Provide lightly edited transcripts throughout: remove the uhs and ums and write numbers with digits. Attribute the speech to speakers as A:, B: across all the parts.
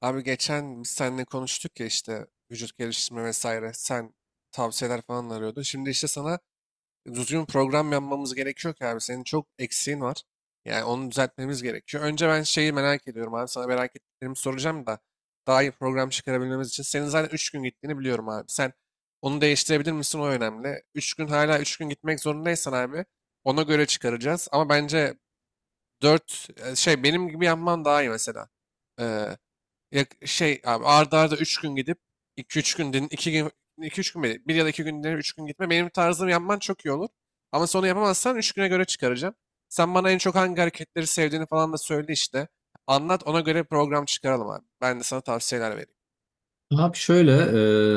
A: Abi geçen biz seninle konuştuk ya işte vücut geliştirme vesaire. Sen tavsiyeler falan arıyordun. Şimdi işte sana düzgün program yapmamız gerekiyor ki abi. Senin çok eksiğin var. Yani onu düzeltmemiz gerekiyor. Önce ben şeyi merak ediyorum abi. Sana merak ettiklerimi soracağım da daha iyi program çıkarabilmemiz için. Senin zaten 3 gün gittiğini biliyorum abi. Sen onu değiştirebilir misin, o önemli. 3 gün, hala 3 gün gitmek zorundaysan abi, ona göre çıkaracağız. Ama bence dört, şey benim gibi yapman daha iyi mesela. Yak şey abi, art arda 3 gün gidip iki üç gün din, 2 gün iki üç gün mi? 1 ya da 2 günde 3 gün gitme. Benim tarzım yapman çok iyi olur. Ama sonra yapamazsan 3 güne göre çıkaracağım. Sen bana en çok hangi hareketleri sevdiğini falan da söyle işte. Anlat, ona göre program çıkaralım abi. Ben de sana tavsiyeler vereyim.
B: Abi şöyle,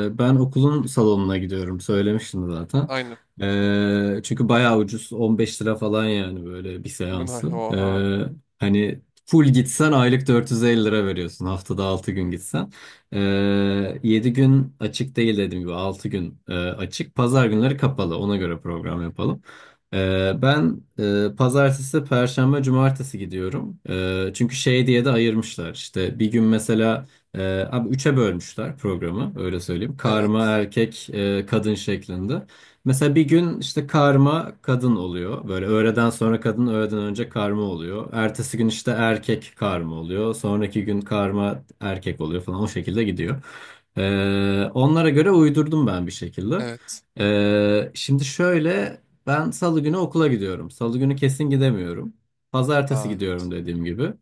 B: ben okulun salonuna gidiyorum. Söylemiştim zaten.
A: Aynen.
B: Çünkü bayağı ucuz. 15 lira falan yani böyle bir
A: Buna
B: seansı.
A: oha.
B: Hani full gitsen aylık 450 lira veriyorsun. Haftada 6 gün gitsen. E, 7 gün açık değil dediğim gibi. Altı gün açık. Pazar günleri kapalı. Ona göre program yapalım. Ben pazartesi, perşembe, cumartesi gidiyorum. Çünkü şey diye de ayırmışlar. İşte bir gün mesela... Abi üçe bölmüşler programı, öyle söyleyeyim. Karma
A: Evet.
B: erkek kadın şeklinde. Mesela bir gün işte karma kadın oluyor. Böyle öğleden sonra kadın, öğleden önce karma oluyor. Ertesi gün işte erkek karma oluyor. Sonraki gün karma erkek oluyor falan, o şekilde gidiyor. Onlara göre uydurdum ben bir şekilde.
A: Evet.
B: Şimdi şöyle, ben salı günü okula gidiyorum. Salı günü kesin gidemiyorum. Pazartesi
A: Aa,
B: gidiyorum dediğim gibi.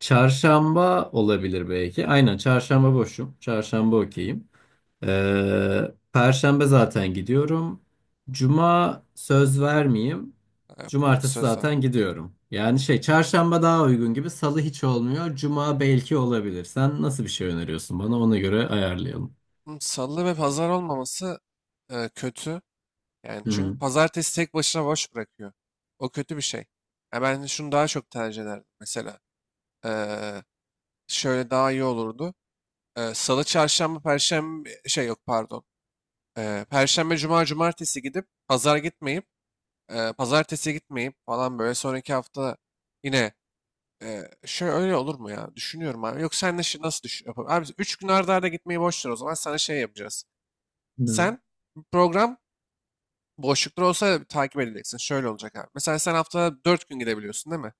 B: Çarşamba olabilir belki. Aynen, çarşamba boşum. Çarşamba okeyim. Perşembe zaten gidiyorum. Cuma söz vermeyeyim.
A: yok yani
B: Cumartesi
A: söz var.
B: zaten gidiyorum. Yani şey, çarşamba daha uygun gibi. Salı hiç olmuyor. Cuma belki olabilir. Sen nasıl bir şey öneriyorsun bana? Ona göre ayarlayalım.
A: Hı, salı ve pazar olmaması kötü. Yani
B: Hı
A: çünkü
B: hı.
A: pazartesi tek başına boş bırakıyor. O kötü bir şey. Ya ben şunu daha çok tercih ederdim mesela. Ee, Şöyle daha iyi olurdu. Salı, çarşamba, perşembe, şey yok pardon. Perşembe, cuma, cumartesi gidip pazar gitmeyip pazartesi gitmeyip falan, böyle sonraki hafta yine şöyle, öyle olur mu ya? Düşünüyorum abi. Yok, sen de şi- nasıl düşün? Yapalım? Abi 3 gün arda arda gitmeyi boş ver, o zaman sana şey yapacağız.
B: Hı.
A: Sen bir program, boşluklar olsa takip edeceksin. Şöyle olacak abi. Mesela sen haftada 4 gün gidebiliyorsun değil mi?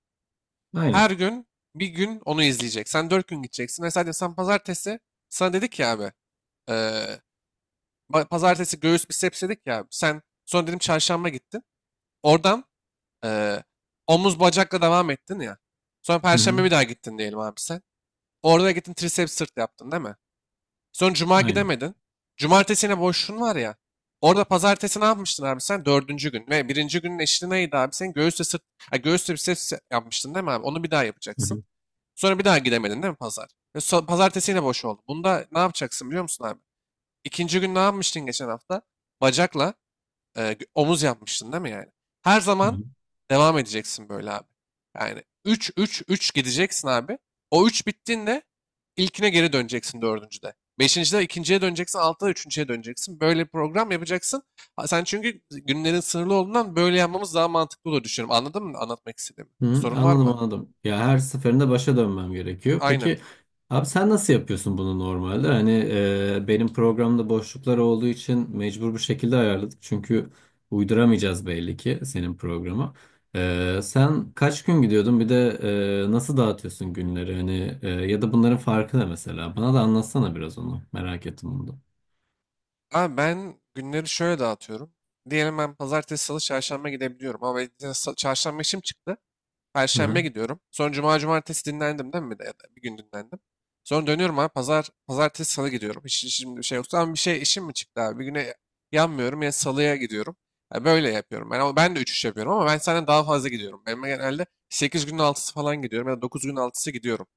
A: Her
B: Aynen.
A: gün bir gün onu izleyecek. Sen 4 gün gideceksin. Mesela sen pazartesi, sana dedik ya abi. eee, Pa- pazartesi göğüs biceps dedik ya abi. Sen sonra dedim çarşamba gittin. Oradan eee, omuz bacakla devam ettin ya. Sonra
B: Hı
A: perşembe
B: hı.
A: bir daha gittin diyelim abi sen. Orada gittin triceps sırt yaptın değil mi? Son cuma
B: Aynen.
A: gidemedin. Cumartesine boşluğun var ya. Orada pazartesi ne yapmıştın abi sen? Dördüncü gün. Ve birinci günün eşliği neydi abi? Sen göğüsle sırt, ha, göğüsle biceps yapmıştın değil mi abi? Onu bir daha
B: Hı
A: yapacaksın.
B: hı.
A: Sonra bir daha gidemedin değil mi pazar? Ve so- pazartesi yine boş oldu. Bunda ne yapacaksın biliyor musun abi? İkinci gün ne yapmıştın geçen hafta? Bacakla gö- omuz yapmıştın değil mi yani? Her
B: Hı
A: zaman
B: hı.
A: devam edeceksin böyle abi. Yani 3 3 3 gideceksin abi. O 3 bittiğinde ilkine geri döneceksin dördüncüde. Beşincide ikinciye döneceksin, altıda üçüncüye döneceksin. Böyle bir program yapacaksın. Ha, sen çünkü günlerin sınırlı olduğundan böyle yapmamız daha mantıklı olur düşünüyorum. Anladın mı anlatmak istediğimi?
B: Hı,
A: Sorun var
B: anladım
A: mı?
B: anladım. Ya, her seferinde başa dönmem gerekiyor.
A: Aynen.
B: Peki abi, sen nasıl yapıyorsun bunu normalde? Hani benim programda boşluklar olduğu için mecbur bu şekilde ayarladık. Çünkü uyduramayacağız belli ki senin programı. Sen kaç gün gidiyordun? Bir de nasıl dağıtıyorsun günleri? Hani ya da bunların farkı ne mesela? Bana da anlatsana biraz onu. Merak ettim bunu da.
A: Abi ben günleri şöyle dağıtıyorum. Diyelim ben pazartesi, salı, çarşamba gidebiliyorum. Ama benim sa- çarşamba işim çıktı.
B: Hı
A: Perşembe
B: hı.
A: gidiyorum. Sonra cuma cumartesi dinlendim değil mi? Bir de- ya da bir gün dinlendim. Sonra dönüyorum abi. Pazar, pazartesi, salı gidiyorum. Hiç şimdi bir şey yoktu ama bir şey işim mi çıktı abi? Bir güne yanmıyorum ya, salıya gidiyorum. Ya böyle yapıyorum. Ben, ama ben de 3-3 yapıyorum ama ben senden daha fazla gidiyorum. Benim genelde 8 günün altısı falan gidiyorum ya da 9 günün altısı gidiyorum.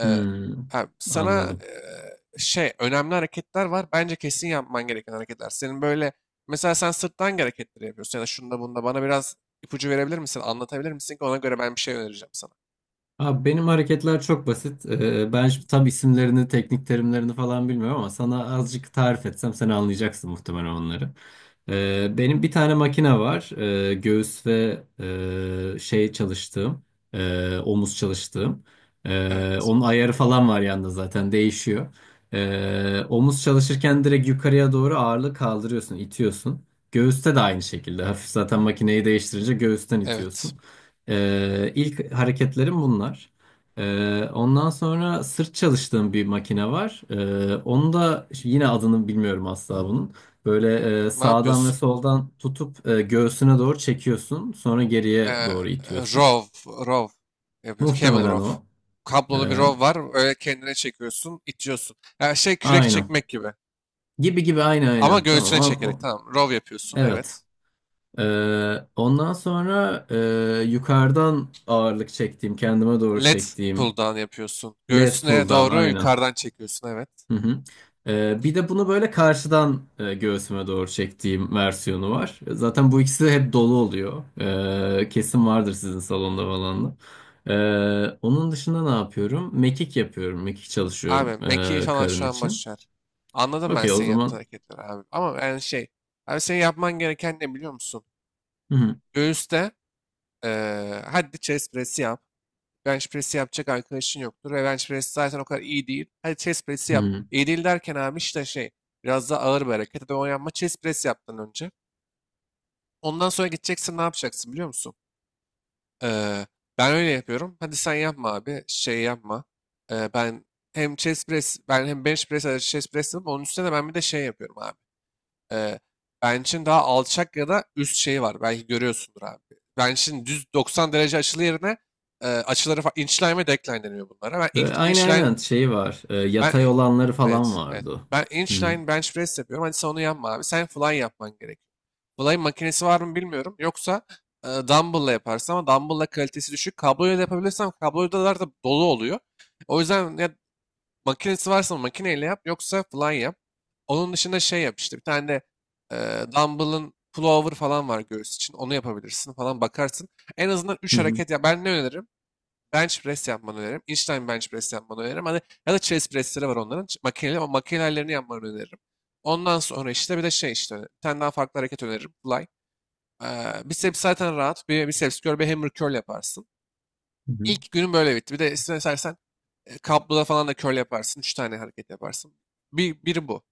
A: Ee,
B: Hmm,
A: ha, sana
B: anladım.
A: şey, önemli hareketler var. Bence kesin yapman gereken hareketler. Senin böyle, mesela sen sırttan hangi hareketleri yapıyorsun ya da şunda bunda bana biraz ipucu verebilir misin? Anlatabilir misin ki ona göre ben bir şey önereceğim sana.
B: Abi benim hareketler çok basit. Ben şimdi tam isimlerini, teknik terimlerini falan bilmiyorum ama sana azıcık tarif etsem sen anlayacaksın muhtemelen onları. Benim bir tane makine var. Göğüs ve şey çalıştığım, omuz çalıştığım.
A: Evet,
B: Onun ayarı falan var yanında, zaten değişiyor. Omuz çalışırken direkt yukarıya doğru ağırlığı kaldırıyorsun, itiyorsun. Göğüste de aynı şekilde. Hafif, zaten makineyi değiştirince göğüsten
A: evet.
B: itiyorsun. İlk hareketlerim bunlar. Ondan sonra sırt çalıştığım bir makine var. Onu da yine adını bilmiyorum asla bunun. Böyle
A: Ne
B: sağdan ve
A: yapıyorsun?
B: soldan tutup göğsüne doğru çekiyorsun. Sonra geriye
A: Ee,
B: doğru itiyorsun.
A: Rov, row yapıyoruz. Cable
B: Muhtemelen
A: row.
B: o.
A: Kablolu bir
B: Ee,
A: rov var. Öyle kendine çekiyorsun, itiyorsun. Yani şey, kürek
B: aynen.
A: çekmek gibi.
B: Gibi gibi aynı,
A: Ama
B: aynen. Tamam.
A: göğsüne çekerek tamam. Rov yapıyorsun,
B: Evet.
A: evet.
B: Ondan sonra yukarıdan ağırlık çektiğim, kendime doğru
A: lat pull
B: çektiğim
A: down yapıyorsun.
B: lat
A: Göğsüne
B: pull down,
A: doğru
B: aynen.
A: yukarıdan çekiyorsun, evet.
B: Hı hı. Bir de bunu böyle karşıdan göğsüme doğru çektiğim versiyonu var. Zaten bu ikisi hep dolu oluyor. Kesin vardır sizin salonda falan da. Onun dışında ne yapıyorum? Mekik yapıyorum. Mekik çalışıyorum
A: Abi meki falan
B: karın
A: şu an
B: için.
A: başlar. Anladım ben
B: Okey, o
A: senin yaptığın
B: zaman.
A: hareketleri abi. Ama yani şey. Abi senin yapman gereken ne biliyor musun?
B: Hı hı.
A: Göğüste hadi chest press'i yap. Bench press'i yapacak arkadaşın yoktur. Ve bench press zaten o kadar iyi değil. Hadi chest press'i
B: Hı
A: yap.
B: hı.
A: İyi değil derken abi işte şey, biraz daha ağır bir hareket. Hadi oynanma, chest press yaptın önce. Ondan sonra gideceksin, ne yapacaksın biliyor musun? Ee, Ben öyle yapıyorum. Hadi sen yapma abi. Şey yapma. Ben hem chest press, hem bench press, chest press yapıp onun üstüne de ben bir de şey yapıyorum abi. Ee, Bench'in daha alçak ya da üst şeyi var. Belki görüyorsundur abi. Bench'in düz 90 derece açılı yerine açıları fa- inchline ve decline deniyor bunlara. Ben inch,
B: Ve aynen
A: inchline,
B: aynen şey var.
A: ben
B: Yatay
A: e,
B: olanları falan
A: evet evet.
B: vardı.
A: Ben
B: Hı hı.
A: inchline bench press yapıyorum. Hadi sen onu yapma abi. Sen fly yapman gerekiyor. Fly makinesi var mı bilmiyorum. Yoksa dumbbell'la yaparsın ama dumbbell'la kalitesi düşük. Kabloyla da yapabilirsem kablolar da dolu oluyor. O yüzden ya, makinesi varsa makineyle yap, yoksa fly yap. Onun dışında şey yap işte, bir tane de dumbbell'ın pullover falan var göğüs için. Onu yapabilirsin falan, bakarsın. En azından
B: Hı
A: üç
B: hı.
A: hareket, ya ben ne öneririm? Bench press yapmanı öneririm. Incline bench press yapmanı öneririm. Hani ya da chest pressleri var onların. Ç- makineli o makinelerlerini yapmanı öneririm. Ondan sonra işte bir de şey, işte bir tane daha farklı hareket öneririm. Fly. Biceps zaten rahat. Bir biceps curl, bir hammer curl yaparsın.
B: Hı hı.
A: İlk günün böyle bitti. Bir de istersen kabloda falan da curl yaparsın. Üç tane hareket yaparsın. Bir, biri bu.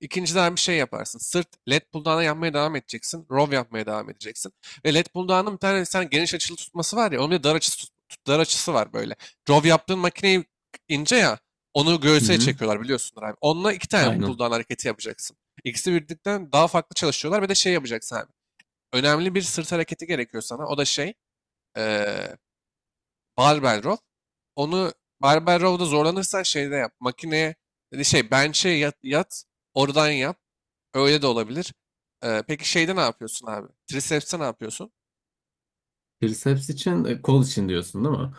A: İkinciden bir şey yaparsın. Sırt led pulldown'a yapmaya devam edeceksin. Row yapmaya devam edeceksin. Ve led pulldown'ın bir tane sen geniş açılı tutması var ya. Onun bir dar açısı, tut- dar açısı var böyle. Row yaptığın makineyi, ince ya. Onu
B: Hı
A: göğüse
B: hı.
A: çekiyorlar biliyorsunuz abi. Onunla iki tane
B: Aynen.
A: pulldown hareketi yapacaksın. İkisi birlikten daha farklı çalışıyorlar ve de şey yapacaksın abi. Önemli bir sırt hareketi gerekiyor sana. O da şey, eee, barbell. Onu, barbell row'da zorlanırsan şeyde yap. Makineye, yani şey, bench'e yat, yat oradan yap. Öyle de olabilir. Peki şeyde ne yapıyorsun abi? Triceps'te ne yapıyorsun?
B: Triceps için kol için diyorsun değil mi?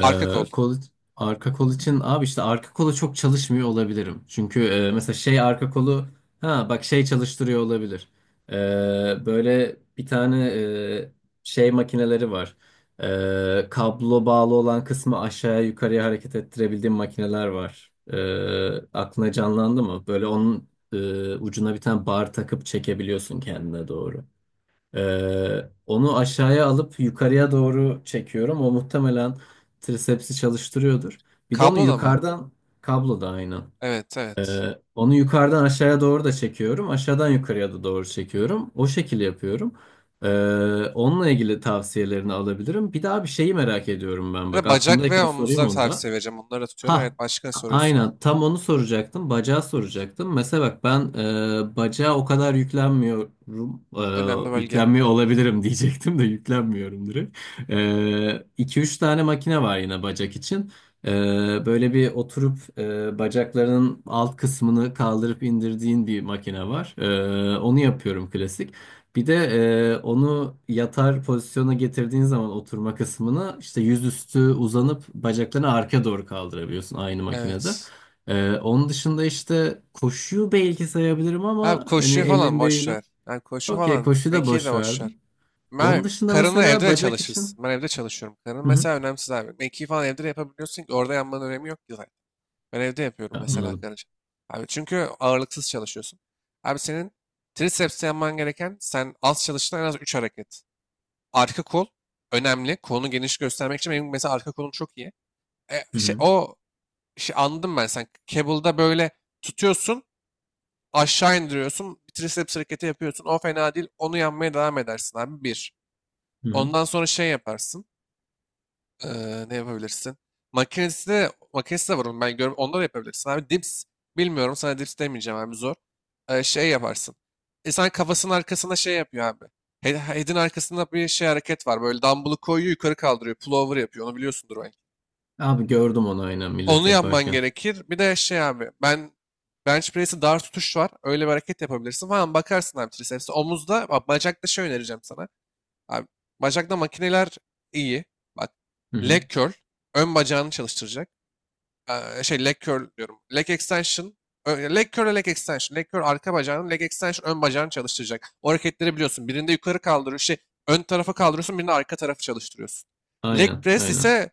A: Arka kol.
B: Kol arka kol için abi, işte arka kolu çok çalışmıyor olabilirim. Çünkü mesela şey arka kolu, ha bak şey çalıştırıyor olabilir. Ee, Böyle bir tane şey makineleri var. Kablo bağlı olan kısmı aşağıya yukarıya hareket ettirebildiğim makineler var. Aklına canlandı mı? Böyle onun ucuna bir tane bar takıp çekebiliyorsun kendine doğru. Onu aşağıya alıp yukarıya doğru çekiyorum. O muhtemelen trisepsi çalıştırıyordur. Bir de onu
A: Kabloda mı?
B: yukarıdan, kablo da aynı.
A: Evet, evet.
B: Ee, Onu yukarıdan aşağıya doğru da çekiyorum. Aşağıdan yukarıya da doğru çekiyorum. O şekilde yapıyorum. Ee, Onunla ilgili tavsiyelerini alabilirim. Bir daha bir şeyi merak ediyorum
A: Bir
B: ben. Bak,
A: de bacak ve
B: aklımdayken sorayım
A: omuzda
B: onu da.
A: tavsiye vereceğim. Onları da tutuyorum.
B: Ha,
A: Evet, başka ne soruyorsun abi?
B: aynen tam onu soracaktım. Bacağı soracaktım. Mesela bak, ben bacağa o kadar yüklenmiyorum.
A: Önemli bölge.
B: Yüklenmiyor olabilirim diyecektim de yüklenmiyorum direkt. 2-3 tane makine var yine bacak için. E, Böyle bir oturup bacaklarının alt kısmını kaldırıp indirdiğin bir makine var. Onu yapıyorum klasik. Bir de onu yatar pozisyona getirdiğin zaman oturma kısmını, işte yüzüstü uzanıp bacaklarını arka doğru kaldırabiliyorsun aynı makinede.
A: Evet.
B: Onun dışında işte koşuyu belki sayabilirim
A: Abi
B: ama hani
A: koşu falan
B: emin
A: boş
B: değilim.
A: ver. Yani koşu
B: Okey,
A: falan,
B: koşuyu da
A: mekiği de
B: boş
A: boş ver.
B: verdim. Onun
A: Ben
B: dışında
A: karınla evde
B: mesela
A: de
B: bacak için.
A: çalışırsın. Ben evde çalışıyorum. Karın
B: Hı hı.
A: mesela önemsiz abi. Mekiği falan evde de yapabiliyorsun ki orada yanmanın önemi yok ki zaten. Ben evde yapıyorum mesela
B: Anladım.
A: karın. Abi çünkü ağırlıksız çalışıyorsun. Abi senin triceps'te yapman gereken, sen az çalıştığın, en az 3 hareket. Arka kol önemli. Kolunu geniş göstermek için benim mesela arka kolum çok iyi. E,
B: Hı
A: şey,
B: hı.
A: o şey anladım ben sen. Cable'da böyle tutuyorsun, aşağı indiriyorsun. Bir triceps hareketi yapıyorsun. O fena değil. Onu yanmaya devam edersin abi. Bir.
B: Hı hı.
A: Ondan sonra şey yaparsın. Ne yapabilirsin? Makinesi de var onun, ben görüyorum. Onları yapabilirsin abi. Dips, bilmiyorum, sana dips demeyeceğim abi, zor. Şey yaparsın. İnsan kafasının arkasına şey yapıyor abi. He- head'in arkasında bir şey, hareket var. Böyle dumbbell'ı koyuyor, yukarı kaldırıyor. Pullover yapıyor. Onu biliyorsundur belki.
B: Abi, gördüm onu aynen millet
A: Onu yapman
B: yaparken.
A: gerekir. Bir de şey abi. Ben bench press'i dar tutuş var. Öyle bir hareket yapabilirsin falan. Bakarsın abi triceps'e. Omuzda bak, bacakta şey önereceğim sana. Abi, bacakta makineler iyi. Bak,
B: Hı
A: leg
B: hı.
A: curl ön bacağını çalıştıracak. Şey, leg curl diyorum. Leg extension. Ö- leg curl ve leg extension. Leg curl arka bacağını, leg extension ön bacağını çalıştıracak. O hareketleri biliyorsun. Birinde yukarı kaldırıyorsun, şey, ön tarafa kaldırıyorsun, birinde arka tarafı çalıştırıyorsun. Leg
B: Aynen
A: press
B: aynen.
A: ise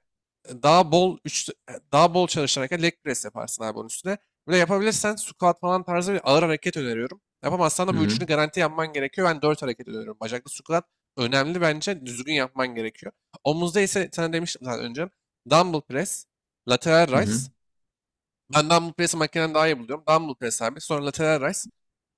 A: e, daha bol üç, e, daha bol çalışan leg press yaparsın abi onun üstüne. Böyle yapabilirsen squat falan tarzı bir ağır hareket öneriyorum. Yapamazsan
B: Hı
A: da bu
B: hı.
A: üçünü garanti yapman gerekiyor. Ben dört hareket öneriyorum. Bacaklı squat önemli bence. Düzgün yapman gerekiyor. Omuzda ise sana demiştim zaten önce. Dumbbell press, lateral
B: Hı hı.
A: raise, ben dumbbell press'i makineden daha iyi buluyorum. Dumbbell press abi. Sonra lateral raise.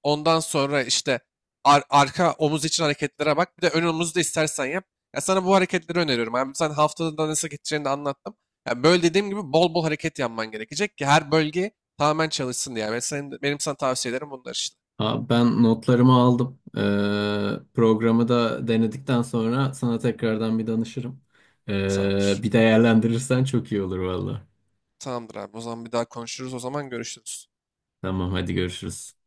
A: Ondan sonra işte ar- arka omuz için hareketlere bak. Bir de ön omuzu da istersen yap. Ya sana bu hareketleri öneriyorum. Abi sen haftada da nasıl gideceğini de anlattım. Ya böyle dediğim gibi bol bol hareket yapman gerekecek ki her bölge tamamen çalışsın diye. Ve senin, benim sana tavsiyelerim bunlar işte.
B: Ha, ben notlarımı aldım. Programı da denedikten sonra sana tekrardan bir danışırım.
A: Tamamdır.
B: Bir değerlendirirsen çok iyi olur valla.
A: Tamamdır abi. O zaman bir daha konuşuruz. O zaman görüşürüz.
B: Tamam, hadi görüşürüz.